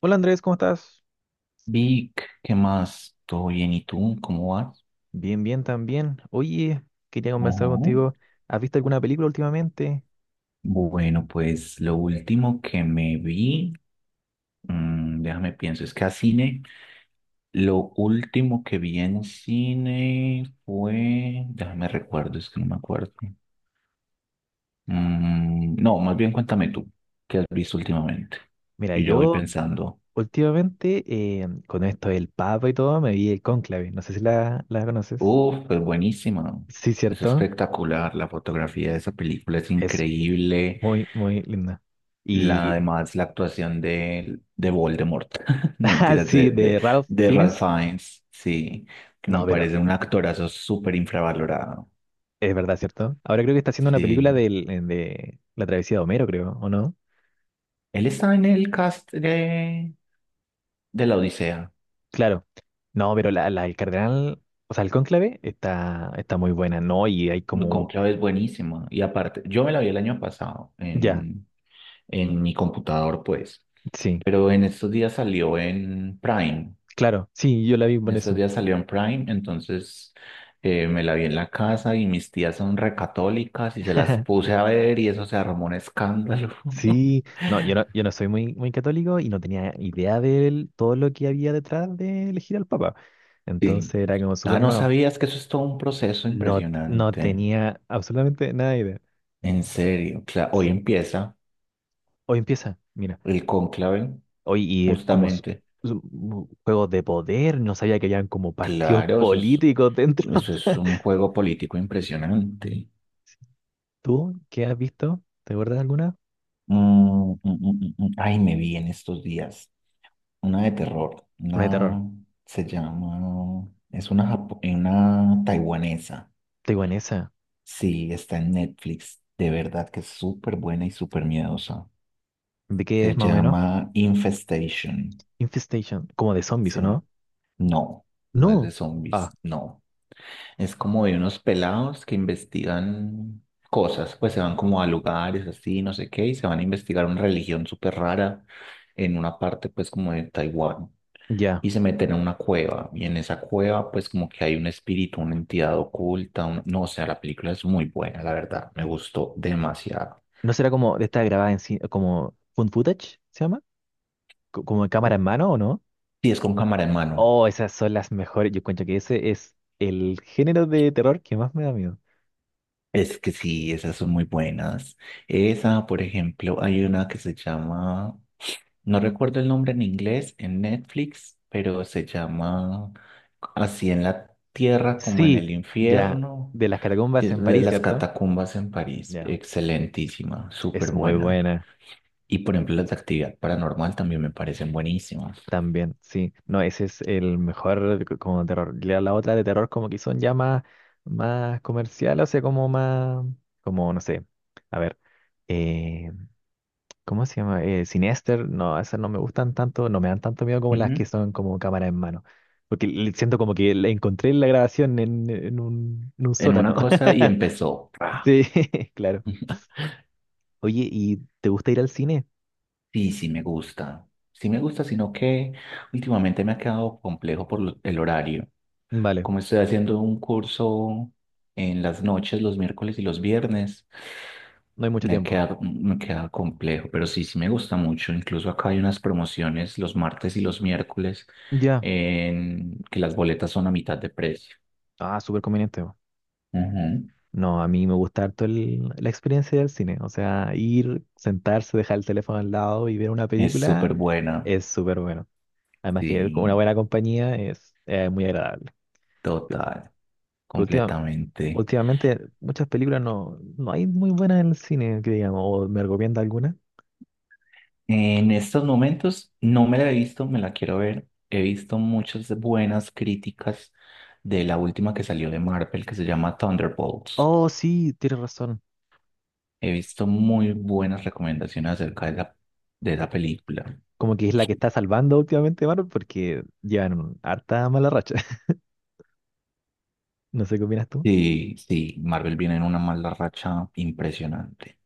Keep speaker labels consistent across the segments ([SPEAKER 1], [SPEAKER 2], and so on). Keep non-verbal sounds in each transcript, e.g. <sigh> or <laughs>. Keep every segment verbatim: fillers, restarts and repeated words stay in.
[SPEAKER 1] Hola Andrés, ¿cómo estás?
[SPEAKER 2] Vic, ¿qué más? ¿Todo bien? ¿Y tú? ¿Cómo vas?
[SPEAKER 1] Bien, bien también. Oye, quería conversar
[SPEAKER 2] Ujú.
[SPEAKER 1] contigo. ¿Has visto alguna película últimamente?
[SPEAKER 2] Bueno, pues lo último que me vi, mm, déjame pienso, es que a cine, lo último que vi en cine fue, déjame recuerdo, es que no me acuerdo. Mm, no, más bien cuéntame tú, ¿qué has visto últimamente?
[SPEAKER 1] Mira,
[SPEAKER 2] Y yo voy
[SPEAKER 1] yo
[SPEAKER 2] pensando,
[SPEAKER 1] últimamente, eh, con esto del Papa y todo, me vi el Cónclave. No sé si la, la conoces.
[SPEAKER 2] uf, es buenísima,
[SPEAKER 1] Sí,
[SPEAKER 2] es
[SPEAKER 1] cierto.
[SPEAKER 2] espectacular, la fotografía de esa película es
[SPEAKER 1] Es
[SPEAKER 2] increíble.
[SPEAKER 1] Muy, muy linda.
[SPEAKER 2] La,
[SPEAKER 1] Y,
[SPEAKER 2] además, la actuación de, de Voldemort, <laughs> no
[SPEAKER 1] <laughs> ah,
[SPEAKER 2] mentiras,
[SPEAKER 1] sí,
[SPEAKER 2] de,
[SPEAKER 1] de
[SPEAKER 2] de,
[SPEAKER 1] Ralph
[SPEAKER 2] de Ralph
[SPEAKER 1] Fiennes.
[SPEAKER 2] Fiennes, sí, que me
[SPEAKER 1] No, pero
[SPEAKER 2] parece un actorazo súper infravalorado.
[SPEAKER 1] es verdad, ¿cierto? Ahora creo que está haciendo una película
[SPEAKER 2] Sí,
[SPEAKER 1] del- de la travesía de Homero, creo, ¿o no?
[SPEAKER 2] él está en el cast de, de La Odisea.
[SPEAKER 1] Claro. No, pero la, la- el cardenal, o sea, el cónclave está, está muy buena, ¿no? Y hay como,
[SPEAKER 2] Cónclave es buenísima. Y aparte, yo me la vi el año pasado
[SPEAKER 1] ya,
[SPEAKER 2] en, en mi computador, pues,
[SPEAKER 1] sí,
[SPEAKER 2] pero en estos días salió en Prime.
[SPEAKER 1] claro, sí, yo la vi
[SPEAKER 2] En
[SPEAKER 1] por
[SPEAKER 2] estos
[SPEAKER 1] eso.
[SPEAKER 2] días salió en Prime, entonces eh, me la vi en la casa y mis tías son recatólicas y se las
[SPEAKER 1] <laughs>
[SPEAKER 2] puse a ver y eso se armó un escándalo.
[SPEAKER 1] Sí,
[SPEAKER 2] <laughs>
[SPEAKER 1] no, yo no, yo no soy muy, muy católico y no tenía idea de todo lo que había detrás de elegir al Papa. Entonces
[SPEAKER 2] Sí.
[SPEAKER 1] era como
[SPEAKER 2] Ah,
[SPEAKER 1] súper
[SPEAKER 2] no
[SPEAKER 1] nuevo.
[SPEAKER 2] sabías que eso es todo un proceso
[SPEAKER 1] No, no
[SPEAKER 2] impresionante.
[SPEAKER 1] tenía absolutamente nada de idea.
[SPEAKER 2] En serio. Cla- Hoy
[SPEAKER 1] Sí.
[SPEAKER 2] empieza
[SPEAKER 1] Hoy empieza, mira.
[SPEAKER 2] el cónclave,
[SPEAKER 1] Hoy y eh, como s-
[SPEAKER 2] justamente.
[SPEAKER 1] s- u- juegos de poder, no sabía que habían como partidos
[SPEAKER 2] Claro, eso es,
[SPEAKER 1] políticos dentro.
[SPEAKER 2] eso es un
[SPEAKER 1] <laughs>
[SPEAKER 2] juego político impresionante.
[SPEAKER 1] ¿Tú qué has visto? ¿Te acuerdas de alguna?
[SPEAKER 2] Mm, mm, mm, mm, mm. Ay, me vi en estos días. Una de terror,
[SPEAKER 1] Una de terror.
[SPEAKER 2] una se llama, es una, japo- eh, una taiwanesa,
[SPEAKER 1] Taiwanesa.
[SPEAKER 2] sí, está en Netflix, de verdad que es súper buena y súper miedosa.
[SPEAKER 1] ¿De qué es
[SPEAKER 2] Se
[SPEAKER 1] más o menos?
[SPEAKER 2] llama Infestation,
[SPEAKER 1] Infestation. Como de zombies, ¿o
[SPEAKER 2] sí,
[SPEAKER 1] no?
[SPEAKER 2] no, no es de
[SPEAKER 1] No.
[SPEAKER 2] zombies,
[SPEAKER 1] Ah,
[SPEAKER 2] no. Es como de unos pelados que investigan cosas, pues se van como a lugares así, no sé qué, y se van a investigar una religión súper rara en una parte pues como de Taiwán.
[SPEAKER 1] ya.
[SPEAKER 2] Y se meten a una cueva. Y en esa cueva, pues como que hay un espíritu, una entidad oculta. un- No, o sea, la película es muy buena, la verdad. Me gustó demasiado.
[SPEAKER 1] ¿No será como de esta grabada en cine, como found footage, se llama? Co- ¿Como en cámara en mano o no?
[SPEAKER 2] Sí, es con cámara en mano.
[SPEAKER 1] Oh, esas son las mejores. Yo cuento que ese es el género de terror que más me da miedo.
[SPEAKER 2] Es que sí, esas son muy buenas. Esa, por ejemplo, hay una que se llama, no recuerdo el nombre en inglés, en Netflix, pero se llama Así en la tierra como en
[SPEAKER 1] Sí,
[SPEAKER 2] el
[SPEAKER 1] ya.
[SPEAKER 2] infierno,
[SPEAKER 1] De las
[SPEAKER 2] que
[SPEAKER 1] catacumbas
[SPEAKER 2] es
[SPEAKER 1] en
[SPEAKER 2] de
[SPEAKER 1] París,
[SPEAKER 2] las
[SPEAKER 1] ¿cierto?
[SPEAKER 2] catacumbas en París.
[SPEAKER 1] Ya.
[SPEAKER 2] Excelentísima, súper
[SPEAKER 1] Es muy
[SPEAKER 2] buena.
[SPEAKER 1] buena
[SPEAKER 2] Y por ejemplo, las de actividad paranormal también me parecen buenísimas.
[SPEAKER 1] también, sí. No, ese es el mejor c- como terror. La, la otra de terror como que son ya más, más comercial, o sea, como más, como, no sé. A ver. eh, ¿Cómo se llama? Eh, Sinister, no, esas no me gustan tanto, no me dan tanto miedo como las que
[SPEAKER 2] Ujú.
[SPEAKER 1] son como cámara en mano. Porque le- siento como que la encontré la grabación en, en un, en un
[SPEAKER 2] En
[SPEAKER 1] sótano.
[SPEAKER 2] una cosa y
[SPEAKER 1] <laughs>
[SPEAKER 2] empezó. ¡Pra!
[SPEAKER 1] Sí, <laughs> claro.
[SPEAKER 2] <laughs>
[SPEAKER 1] Oye, ¿y te gusta ir al cine?
[SPEAKER 2] Sí, sí me gusta. Sí me gusta, sino que últimamente me ha quedado complejo por lo- el horario.
[SPEAKER 1] Vale,
[SPEAKER 2] Como estoy haciendo un curso en las noches, los miércoles y los viernes,
[SPEAKER 1] no hay mucho
[SPEAKER 2] me
[SPEAKER 1] tiempo.
[SPEAKER 2] queda, me queda complejo, pero sí, sí me gusta mucho. Incluso acá hay unas promociones los martes y los miércoles
[SPEAKER 1] Ya.
[SPEAKER 2] en que las boletas son a mitad de precio.
[SPEAKER 1] Ah, súper conveniente.
[SPEAKER 2] Ujú.
[SPEAKER 1] No, a mí me gusta harto el- la experiencia del cine. O sea, ir, sentarse, dejar el teléfono al lado y ver una
[SPEAKER 2] Es
[SPEAKER 1] película
[SPEAKER 2] súper buena.
[SPEAKER 1] es súper bueno. Además que con una
[SPEAKER 2] Sí,
[SPEAKER 1] buena compañía es eh, muy agradable.
[SPEAKER 2] total,
[SPEAKER 1] Última-
[SPEAKER 2] completamente.
[SPEAKER 1] Últimamente muchas películas no, no hay muy buenas en el cine, que digamos, o me recomienda alguna.
[SPEAKER 2] En estos momentos no me la he visto, me la quiero ver. He visto muchas buenas críticas de la última que salió de Marvel que se llama Thunderbolts.
[SPEAKER 1] Oh, sí, tienes razón.
[SPEAKER 2] He visto muy buenas recomendaciones acerca de la, de la película.
[SPEAKER 1] Como que es la que está salvando últimamente Marvel porque llevan un- harta mala racha. <laughs> No sé qué opinas tú.
[SPEAKER 2] Sí, sí, Marvel viene en una mala racha impresionante,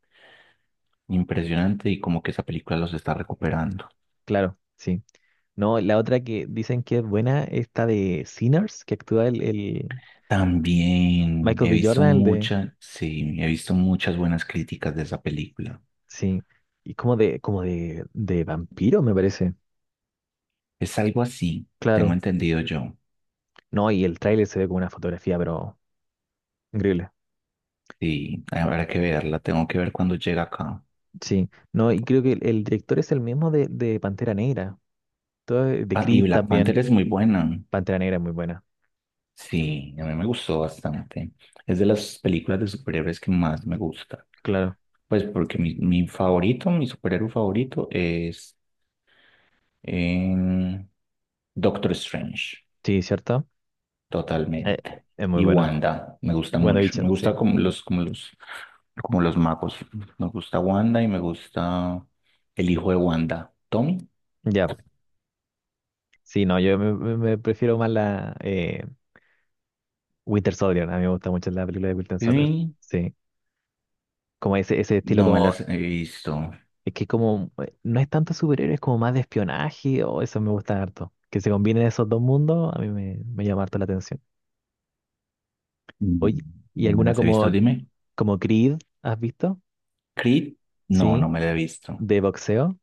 [SPEAKER 2] impresionante y como que esa película los está recuperando.
[SPEAKER 1] Claro, sí. No, la otra que dicen que es buena, esta de Sinners, que actúa el, el
[SPEAKER 2] También
[SPEAKER 1] Michael
[SPEAKER 2] he
[SPEAKER 1] B.
[SPEAKER 2] visto
[SPEAKER 1] Jordan, el de...
[SPEAKER 2] muchas, sí, he visto muchas buenas críticas de esa película.
[SPEAKER 1] Sí, y como de, como de, de vampiro, me parece.
[SPEAKER 2] Es algo así, tengo
[SPEAKER 1] Claro.
[SPEAKER 2] entendido yo.
[SPEAKER 1] No, y el tráiler se ve como una fotografía, pero increíble.
[SPEAKER 2] Sí, habrá que verla, tengo que ver cuando llega acá.
[SPEAKER 1] Sí, no, y creo que el, el director es el mismo de, de Pantera Negra, todo- de
[SPEAKER 2] Ah, y
[SPEAKER 1] Creed
[SPEAKER 2] Black Panther
[SPEAKER 1] también.
[SPEAKER 2] es muy buena.
[SPEAKER 1] Pantera Negra es muy buena,
[SPEAKER 2] Sí, a mí me gustó bastante. Es de las películas de superhéroes que más me gusta.
[SPEAKER 1] claro.
[SPEAKER 2] Pues porque mi, mi favorito, mi superhéroe favorito es em, Doctor Strange.
[SPEAKER 1] Sí, ¿cierto? Eh,
[SPEAKER 2] Totalmente.
[SPEAKER 1] es muy
[SPEAKER 2] Y
[SPEAKER 1] bueno.
[SPEAKER 2] Wanda, me gusta mucho. Me
[SPEAKER 1] WandaVision,
[SPEAKER 2] gusta
[SPEAKER 1] sí.
[SPEAKER 2] como los, como los, como los magos. Me gusta Wanda y me gusta el hijo de Wanda, Tommy.
[SPEAKER 1] Ya, sí, no, yo me, me- me prefiero más la eh, Winter Soldier, a mí me gusta mucho la película de Winter Soldier,
[SPEAKER 2] Sí,
[SPEAKER 1] sí. Como ese, ese estilo
[SPEAKER 2] no me
[SPEAKER 1] como,
[SPEAKER 2] las he visto.
[SPEAKER 1] es que como, eh, no es tanto superhéroe, es como más de espionaje, o eso me gusta harto. Que se combinen esos dos mundos, a mí me, me llama harto la atención.
[SPEAKER 2] No,
[SPEAKER 1] Oye, ¿y
[SPEAKER 2] no me
[SPEAKER 1] alguna
[SPEAKER 2] las he
[SPEAKER 1] como,
[SPEAKER 2] visto, dime.
[SPEAKER 1] como Creed has visto?
[SPEAKER 2] Creed, no, no
[SPEAKER 1] Sí.
[SPEAKER 2] me la he visto.
[SPEAKER 1] ¿De boxeo?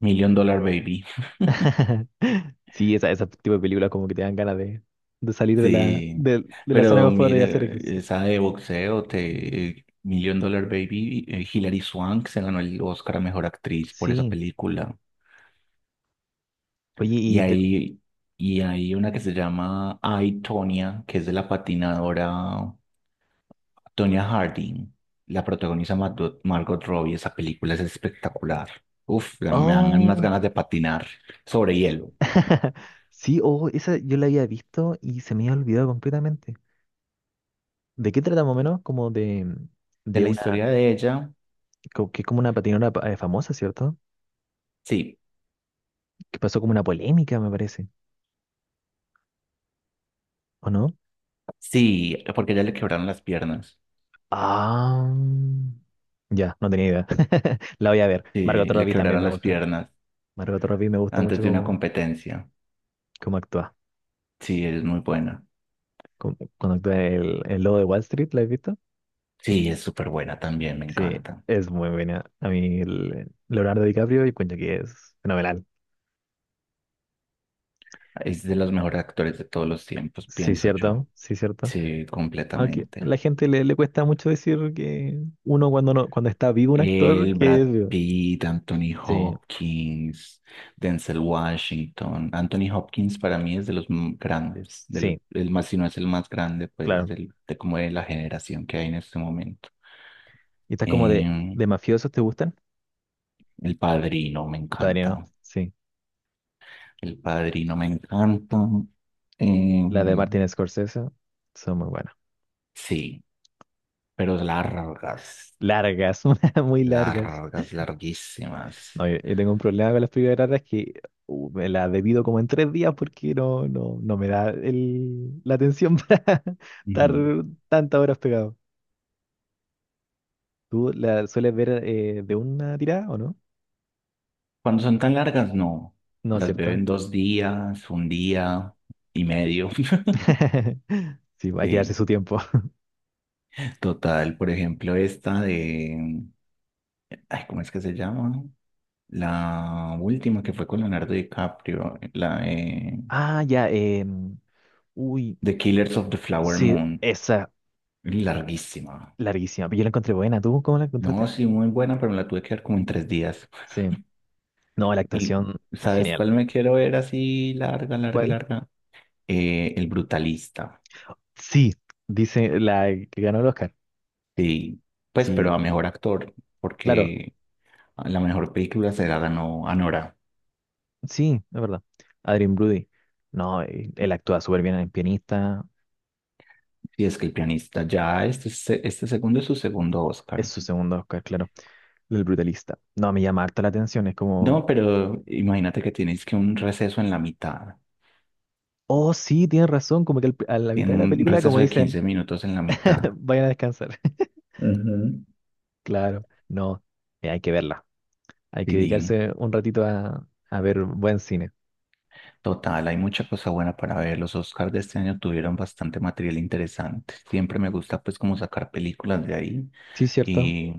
[SPEAKER 2] Million Dollar Baby,
[SPEAKER 1] <laughs> Sí, esa, ese tipo de películas como que te dan ganas de, de salir de la,
[SPEAKER 2] sí.
[SPEAKER 1] de, de la zona de
[SPEAKER 2] Pero
[SPEAKER 1] confort y hacer
[SPEAKER 2] mire,
[SPEAKER 1] ejercicio.
[SPEAKER 2] esa de boxeo, te, Million Dollar Baby, eh, Hilary Swank se ganó el Oscar a mejor actriz por esa
[SPEAKER 1] Sí.
[SPEAKER 2] película.
[SPEAKER 1] Oye,
[SPEAKER 2] Y
[SPEAKER 1] y de...
[SPEAKER 2] hay, y hay una que se llama I, Tonya, que es de la patinadora Tonya Harding. La protagoniza Margot, Margot Robbie. Esa película es espectacular. Uf, me dan unas
[SPEAKER 1] Oh.
[SPEAKER 2] ganas de patinar sobre hielo.
[SPEAKER 1] <laughs> Sí, oh, esa yo la había visto y se me había olvidado completamente. ¿De qué trata más o menos? Como de,
[SPEAKER 2] De
[SPEAKER 1] de
[SPEAKER 2] la
[SPEAKER 1] una...
[SPEAKER 2] historia de ella,
[SPEAKER 1] co- ¿Que es como una patinadora pa- eh, famosa, ¿cierto?
[SPEAKER 2] sí,
[SPEAKER 1] Que pasó como una polémica, me parece. ¿O no?
[SPEAKER 2] sí, porque a ella le quebraron las piernas.
[SPEAKER 1] Ah. Ya, no tenía idea. <laughs> La voy a ver. Margot
[SPEAKER 2] Sí, le
[SPEAKER 1] Robbie también
[SPEAKER 2] quebraron
[SPEAKER 1] me
[SPEAKER 2] las
[SPEAKER 1] gusta.
[SPEAKER 2] piernas
[SPEAKER 1] Margot Robbie me gusta
[SPEAKER 2] antes
[SPEAKER 1] mucho
[SPEAKER 2] de una
[SPEAKER 1] como,
[SPEAKER 2] competencia.
[SPEAKER 1] cómo actúa.
[SPEAKER 2] Sí, es muy buena.
[SPEAKER 1] Cómo- Cuando actúa el, el lobo de Wall Street, ¿la has visto?
[SPEAKER 2] Sí, es súper buena también, me
[SPEAKER 1] Sí,
[SPEAKER 2] encanta.
[SPEAKER 1] es muy buena. A mí el- Leonardo DiCaprio y cuento que es fenomenal.
[SPEAKER 2] Es de los mejores actores de todos los tiempos,
[SPEAKER 1] Sí,
[SPEAKER 2] pienso
[SPEAKER 1] cierto,
[SPEAKER 2] yo.
[SPEAKER 1] sí, cierto.
[SPEAKER 2] Sí,
[SPEAKER 1] Aunque a
[SPEAKER 2] completamente.
[SPEAKER 1] la gente le, le cuesta mucho decir que uno cuando no, cuando está vivo un actor
[SPEAKER 2] El
[SPEAKER 1] que
[SPEAKER 2] Brad
[SPEAKER 1] es vivo.
[SPEAKER 2] Pitt, Anthony
[SPEAKER 1] Sí,
[SPEAKER 2] Hopkins, Denzel Washington. Anthony Hopkins para mí es de los m- grandes, de los,
[SPEAKER 1] sí,
[SPEAKER 2] el más, si no es el más grande, pues
[SPEAKER 1] claro.
[SPEAKER 2] del- de como de la generación que hay en este momento.
[SPEAKER 1] ¿Y estas como de,
[SPEAKER 2] Em,
[SPEAKER 1] de mafiosos te gustan?
[SPEAKER 2] El Padrino me
[SPEAKER 1] El
[SPEAKER 2] encanta.
[SPEAKER 1] Padrino, sí.
[SPEAKER 2] El Padrino me encanta.
[SPEAKER 1] Las de
[SPEAKER 2] Em,
[SPEAKER 1] Martin Scorsese son muy buenas.
[SPEAKER 2] sí, pero largas,
[SPEAKER 1] Largas, <laughs> muy largas.
[SPEAKER 2] largas, larguísimas.
[SPEAKER 1] No, yo, yo tengo un problema con las películas raras que uh, me las debido como en tres días porque no, no, no me da el, la atención <laughs> para estar tantas horas pegado. ¿Tú la sueles ver eh, de una tirada o no?
[SPEAKER 2] Cuando son tan largas, no.
[SPEAKER 1] No es
[SPEAKER 2] Las veo
[SPEAKER 1] cierto.
[SPEAKER 2] en dos días, un día y medio. <laughs>
[SPEAKER 1] <laughs> Sí, hay que darse
[SPEAKER 2] Sí.
[SPEAKER 1] su tiempo. <laughs>
[SPEAKER 2] Total, por ejemplo, esta de... Ay, ¿cómo es que se llama? La última que fue con Leonardo DiCaprio, la de
[SPEAKER 1] Ah, ya, em, uy,
[SPEAKER 2] The Killers of the Flower
[SPEAKER 1] sí,
[SPEAKER 2] Moon.
[SPEAKER 1] esa
[SPEAKER 2] Larguísima.
[SPEAKER 1] larguísima. Pero yo la encontré buena. ¿Tú cómo la
[SPEAKER 2] No,
[SPEAKER 1] encontraste?
[SPEAKER 2] sí, muy buena, pero me la tuve que ver como en tres días.
[SPEAKER 1] Sí. No, la
[SPEAKER 2] ¿Y
[SPEAKER 1] actuación,
[SPEAKER 2] sabes
[SPEAKER 1] genial.
[SPEAKER 2] cuál me quiero ver así larga, larga,
[SPEAKER 1] ¿Cuál?
[SPEAKER 2] larga? Eh, El Brutalista.
[SPEAKER 1] Sí, dice la que ganó el Oscar.
[SPEAKER 2] Sí, pues,
[SPEAKER 1] Sí,
[SPEAKER 2] pero a mejor actor,
[SPEAKER 1] claro.
[SPEAKER 2] porque la mejor película se la ganó Anora.
[SPEAKER 1] Sí, es verdad. Adrien Brody. No, él, él actúa súper bien en pianista.
[SPEAKER 2] Y es que el pianista ya, este, se- este segundo es su segundo
[SPEAKER 1] Es
[SPEAKER 2] Oscar.
[SPEAKER 1] su segundo Oscar, claro. El brutalista. No, me llama harta la atención. Es como,
[SPEAKER 2] No, pero imagínate que tienes que un receso en la mitad.
[SPEAKER 1] oh, sí, tienes razón. Como que al- a la mitad
[SPEAKER 2] Tiene
[SPEAKER 1] de la
[SPEAKER 2] un
[SPEAKER 1] película, como
[SPEAKER 2] receso de
[SPEAKER 1] dicen,
[SPEAKER 2] quince minutos en la
[SPEAKER 1] <laughs>
[SPEAKER 2] mitad.
[SPEAKER 1] vayan a descansar. <laughs>
[SPEAKER 2] Ujú.
[SPEAKER 1] Claro, no. eh, hay que verla. Hay que
[SPEAKER 2] Sí,
[SPEAKER 1] dedicarse un ratito a, a ver buen cine.
[SPEAKER 2] total, hay mucha cosa buena para ver. Los Oscars de este año tuvieron bastante material interesante. Siempre me gusta pues como sacar películas de ahí
[SPEAKER 1] Sí, cierto.
[SPEAKER 2] y,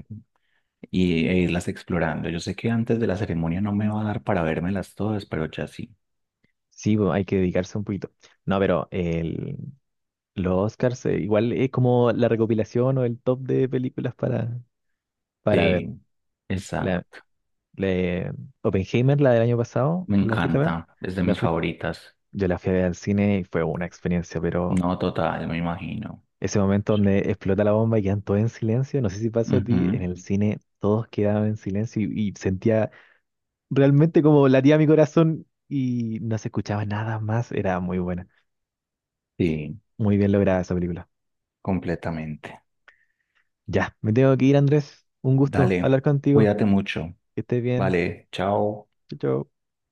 [SPEAKER 2] y e irlas explorando. Yo sé que antes de la ceremonia no me va a dar para vérmelas todas, pero ya sí.
[SPEAKER 1] Sí, bo- hay que dedicarse un poquito. No, pero el, los Oscars, eh, igual es como la recopilación o el top de películas para, para ver.
[SPEAKER 2] Sí,
[SPEAKER 1] La-
[SPEAKER 2] exacto.
[SPEAKER 1] Le, Oppenheimer, la del año pasado,
[SPEAKER 2] Me
[SPEAKER 1] ¿la fuiste a ver?
[SPEAKER 2] encanta. Es de
[SPEAKER 1] La
[SPEAKER 2] mis
[SPEAKER 1] fui-
[SPEAKER 2] favoritas.
[SPEAKER 1] yo la fui a ver al cine y fue una experiencia, pero
[SPEAKER 2] No, total, me imagino.
[SPEAKER 1] ese momento donde explota la bomba y quedan todos en silencio, no sé si pasó a ti, en
[SPEAKER 2] Ujú,
[SPEAKER 1] el cine todos quedaban en silencio y, y sentía realmente como latía mi corazón y no se escuchaba nada más, era muy buena,
[SPEAKER 2] sí,
[SPEAKER 1] muy bien lograda esa película.
[SPEAKER 2] completamente.
[SPEAKER 1] Ya, me tengo que ir, Andrés, un gusto
[SPEAKER 2] Dale,
[SPEAKER 1] hablar contigo,
[SPEAKER 2] cuídate mucho.
[SPEAKER 1] que estés bien,
[SPEAKER 2] Vale, chao.
[SPEAKER 1] chao. Chao.